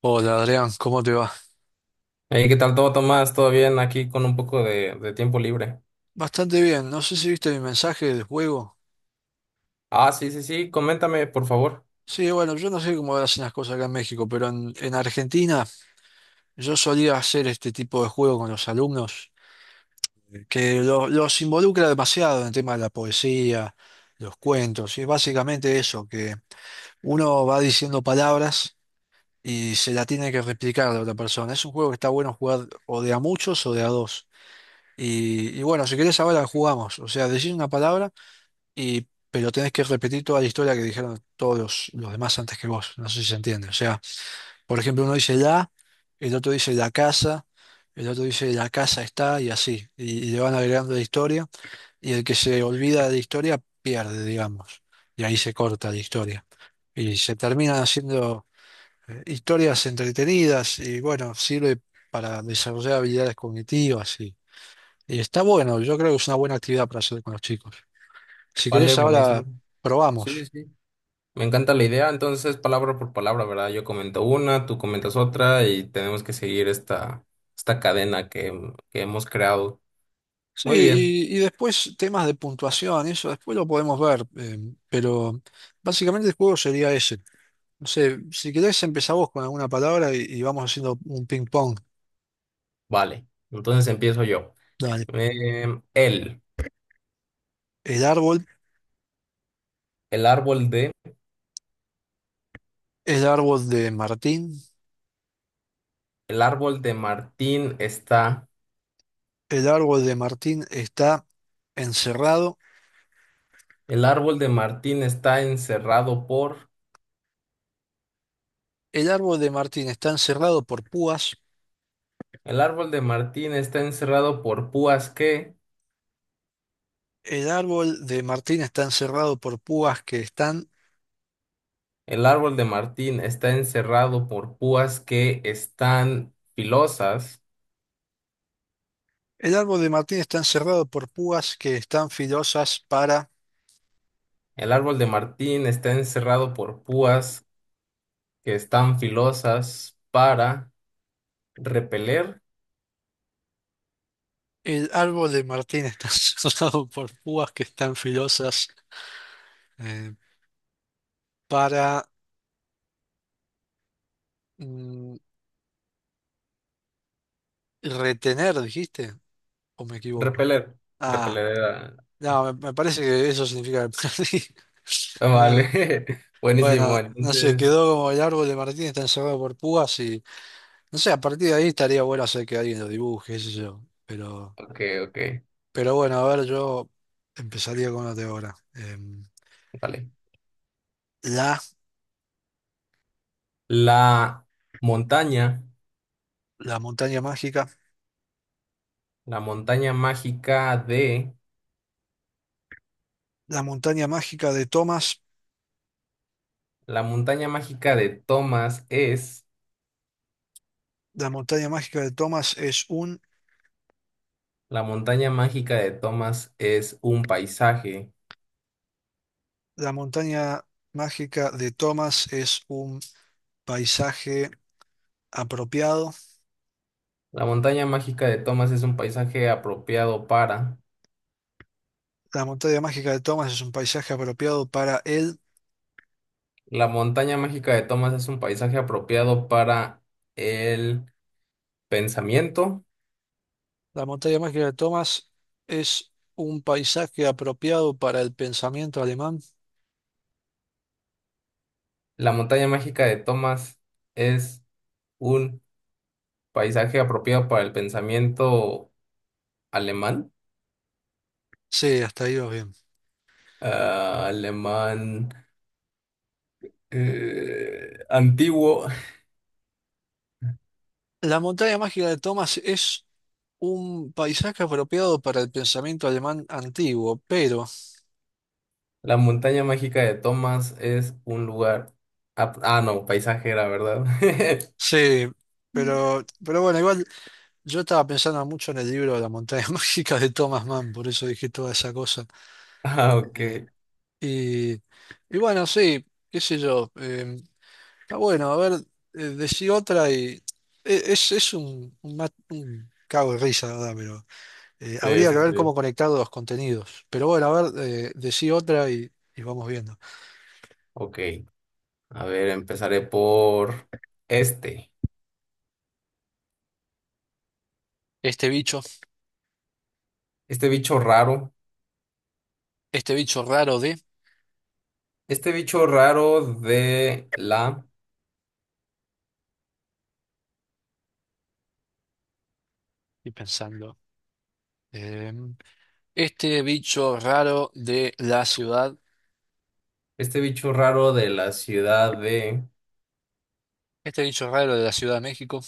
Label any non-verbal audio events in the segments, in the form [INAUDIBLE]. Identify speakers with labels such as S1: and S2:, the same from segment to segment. S1: Hola Adrián, ¿cómo te va?
S2: Hey, ¿qué tal todo, Tomás? ¿Todo bien? Aquí con un poco de tiempo libre.
S1: Bastante bien, no sé si viste mi mensaje del juego.
S2: Ah, sí, sí, sí, coméntame, por favor.
S1: Sí, bueno, yo no sé cómo hacen las cosas acá en México, pero en Argentina yo solía hacer este tipo de juego con los alumnos, que los involucra demasiado en el tema de la poesía, los cuentos, y es básicamente eso, que uno va diciendo palabras y se la tiene que replicar a la otra persona. Es un juego que está bueno jugar o de a muchos o de a dos. Y bueno, si querés ahora jugamos, o sea, decís una palabra. Y, pero tenés que repetir toda la historia que dijeron todos los demás antes que vos. No sé si se entiende. O sea, por ejemplo, uno dice la, el otro dice la casa, el otro dice la casa está y así. Y le van agregando la historia y el que se olvida de la historia pierde, digamos. Y ahí se corta la historia. Y se terminan haciendo historias entretenidas y bueno, sirve para desarrollar habilidades cognitivas y está bueno. Yo creo que es una buena actividad para hacer con los chicos. Si
S2: Vale,
S1: querés,
S2: buenísimo.
S1: ahora
S2: Sí, sí,
S1: probamos.
S2: sí. Me encanta la idea, entonces palabra por palabra, ¿verdad? Yo comento una, tú comentas otra y tenemos que seguir esta cadena que hemos creado.
S1: Sí,
S2: Muy bien,
S1: y después temas de puntuación, eso después lo podemos ver, pero básicamente el juego sería ese. No sé, si querés empezar vos con alguna palabra y vamos haciendo un ping pong.
S2: vale. Entonces empiezo yo.
S1: Dale.
S2: El,
S1: El árbol,
S2: el árbol de,
S1: el árbol de Martín,
S2: el árbol de Martín está,
S1: el árbol de Martín está encerrado,
S2: el árbol de Martín está encerrado por...
S1: el árbol de Martín está encerrado por púas,
S2: El árbol de Martín está encerrado por púas que,
S1: el árbol de Martín está encerrado por púas que están,
S2: el árbol de Martín está encerrado por púas que están filosas,
S1: el árbol de Martín está encerrado por púas que están filosas para
S2: el árbol de Martín está encerrado por púas que están filosas para repeler,
S1: el árbol de Martín está [LAUGHS] cerrado por púas que están filosas eh, para mm, retener, dijiste, ¿o me equivoco?
S2: repeler,
S1: Ah,
S2: repeler era-
S1: no, me parece que eso significa que perdí. [LAUGHS]
S2: ah, vale,
S1: No,
S2: [LAUGHS]
S1: bueno,
S2: buenísimo,
S1: no sé,
S2: entonces,
S1: quedó como el árbol de Martín está encerrado por púas y no sé, a partir de ahí estaría bueno hacer que alguien lo dibuje, qué sé yo.
S2: ok, ok,
S1: Pero bueno, a ver, yo empezaría con la de ahora.
S2: vale.
S1: La,
S2: La montaña,
S1: la montaña mágica.
S2: la montaña mágica de,
S1: La montaña mágica de Thomas.
S2: la montaña mágica de Thomas es...
S1: La montaña mágica de Thomas es un...
S2: La montaña mágica de Thomas es un paisaje.
S1: La montaña mágica de Thomas es un paisaje apropiado.
S2: La montaña mágica de Thomas es un paisaje apropiado para.
S1: La montaña mágica de Thomas es un paisaje apropiado para él.
S2: La montaña mágica de Thomas es un paisaje apropiado para el pensamiento.
S1: La montaña mágica de Thomas es un paisaje apropiado para el pensamiento alemán.
S2: La montaña mágica de Thomas es un paisaje apropiado para el pensamiento alemán.
S1: Sí, hasta ahí va bien.
S2: Ah, alemán antiguo.
S1: La montaña mágica de Thomas es un paisaje apropiado para el pensamiento alemán antiguo, pero...
S2: La montaña mágica de Thomas es un lugar. Ah, ah, no, paisajera, ¿verdad? [LAUGHS]
S1: Sí, pero bueno, igual... Yo estaba pensando mucho en el libro La montaña [LAUGHS] mágica de Thomas Mann, por eso dije toda esa cosa.
S2: Ah, ok.
S1: Eh, y bueno, sí, qué sé yo. Está bueno, a ver, decí otra y e- es un, ma- un cago de risa, la verdad, pero
S2: Sí,
S1: habría que
S2: sí,
S1: ver cómo
S2: sí.
S1: conectar los contenidos. Pero bueno, a ver, decí otra y vamos viendo.
S2: Ok. A ver, empezaré por este.
S1: Este bicho,
S2: Este bicho raro.
S1: este bicho raro de,
S2: Este bicho raro de la.
S1: y pensando, eh, este bicho raro de la ciudad,
S2: Este bicho raro de la ciudad de.
S1: este bicho raro de la Ciudad de México.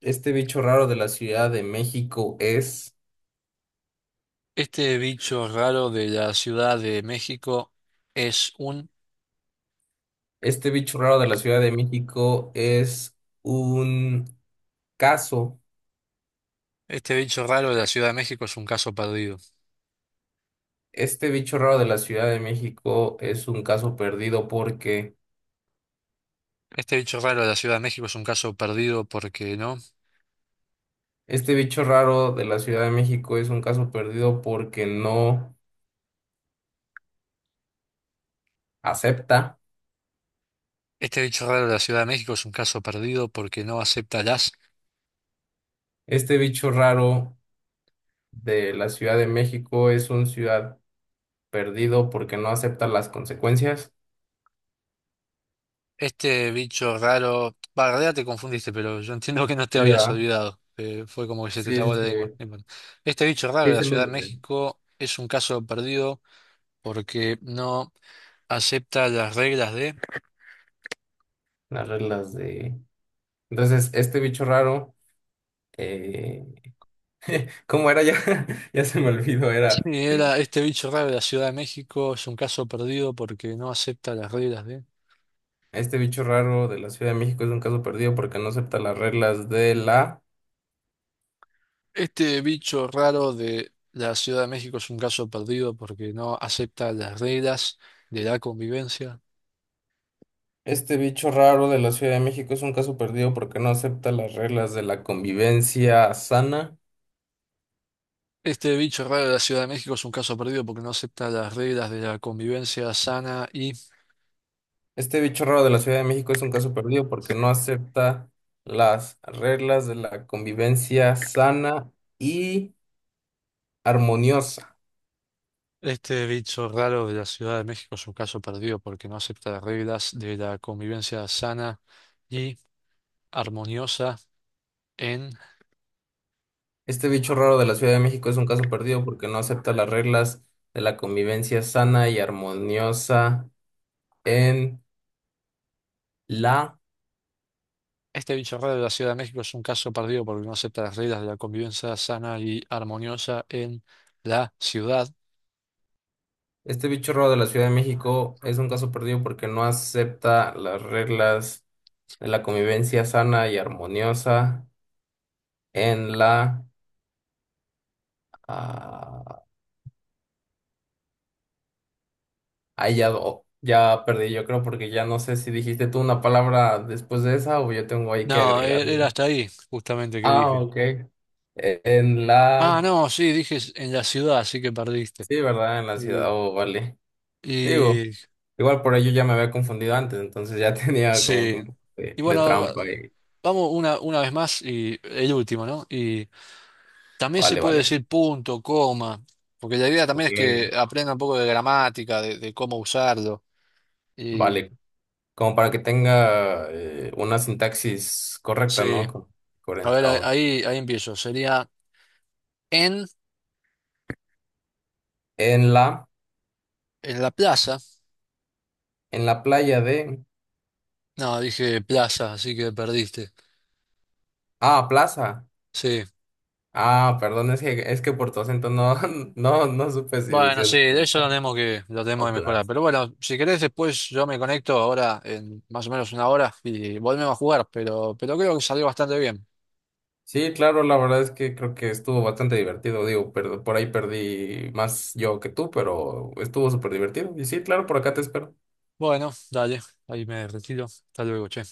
S2: Este bicho raro de la Ciudad de México es.
S1: Este bicho raro de la Ciudad de México es un...
S2: Este bicho raro de la Ciudad de México es un caso.
S1: Este bicho raro de la Ciudad de México es un caso perdido.
S2: Este bicho raro de la Ciudad de México es un caso perdido porque
S1: Este bicho raro de la Ciudad de México es un caso perdido porque no.
S2: este bicho raro de la Ciudad de México es un caso perdido porque no acepta.
S1: Este bicho raro de la Ciudad de México es un caso perdido porque no acepta las...
S2: Este bicho raro de la Ciudad de México es un ciudad perdido porque no acepta las consecuencias.
S1: Este bicho raro... Bah, en realidad te confundiste, pero yo entiendo que no te
S2: Sí,
S1: habías
S2: ¿verdad?
S1: olvidado. Fue como que se te
S2: Sí,
S1: trabó
S2: sí,
S1: la lengua. No
S2: sí.
S1: importa. Este bicho raro de
S2: Sí,
S1: la
S2: sí, lo
S1: Ciudad de
S2: dudé.
S1: México es un caso perdido porque no acepta las reglas de...
S2: Las reglas de... Entonces, este bicho raro, eh, ¿cómo era ya? [LAUGHS] Ya se me olvidó, era...
S1: Y era este bicho raro de la Ciudad de México, es un caso perdido porque no acepta las reglas de...
S2: Este bicho raro de la Ciudad de México es un caso perdido porque no acepta las reglas de la...
S1: Este bicho raro de la Ciudad de México es un caso perdido porque no acepta las reglas de la convivencia.
S2: Este bicho raro de la Ciudad de México es un caso perdido porque no acepta las reglas de la convivencia sana.
S1: Este bicho raro de la Ciudad de México es un caso perdido porque no acepta las reglas de la convivencia sana y
S2: Este bicho raro de la Ciudad de México es un caso perdido porque no acepta las reglas de la convivencia sana y armoniosa.
S1: este bicho raro de la Ciudad de México es un caso perdido porque no acepta las reglas de la convivencia sana y armoniosa. En
S2: Este bicho raro de la Ciudad de México es un caso perdido porque no acepta las reglas de la convivencia sana y armoniosa en la.
S1: este bicho raro de la Ciudad de México es un caso perdido porque no acepta las reglas de la convivencia sana y armoniosa en la ciudad.
S2: Este bicho raro de la Ciudad de México es un caso perdido porque no acepta las reglas de la convivencia sana y armoniosa en la... Ah, ahí ya, ya perdí, yo creo, porque ya no sé si dijiste tú una palabra después de esa o yo tengo ahí que
S1: No,
S2: agregar.
S1: era
S2: Una.
S1: hasta ahí, justamente, que
S2: Ah,
S1: dije.
S2: ok. En
S1: Ah,
S2: la...
S1: no, sí, dije en la ciudad, así que perdiste.
S2: Sí, ¿verdad? En la ciudad,
S1: Y,
S2: oh, vale. Digo,
S1: y
S2: igual por ello ya me había confundido antes, entonces ya [LAUGHS] tenía como que
S1: sí.
S2: un poco de,
S1: Y
S2: de
S1: bueno,
S2: trampa ahí.
S1: vamos una vez más y el último, ¿no? Y también se
S2: Vale,
S1: puede
S2: vale.
S1: decir punto, coma, porque la idea también
S2: Ok.
S1: es que aprenda un poco de gramática, de cómo usarlo. Y
S2: Vale. Como para que tenga una sintaxis correcta,
S1: sí,
S2: ¿no?
S1: a ver,
S2: Correcta, o-
S1: ahí empiezo. Sería en.
S2: en la,
S1: En la plaza.
S2: en la playa de...
S1: No, dije plaza, así que perdiste.
S2: Ah, plaza.
S1: Sí.
S2: Ah, perdón, es que por tu acento no, [LAUGHS] no, no supe si
S1: Bueno,
S2: decías
S1: sí, de eso
S2: playa
S1: lo tenemos
S2: o
S1: que mejorar.
S2: plaza.
S1: Pero bueno, si querés, después yo me conecto ahora en más o menos una hora y volvemos a jugar. Pero creo que salió bastante bien.
S2: Sí, claro, la verdad es que creo que estuvo bastante divertido, digo, pero por ahí perdí más yo que tú, pero estuvo súper divertido. Y sí, claro, por acá te espero.
S1: Bueno, dale, ahí me retiro. Hasta luego, che.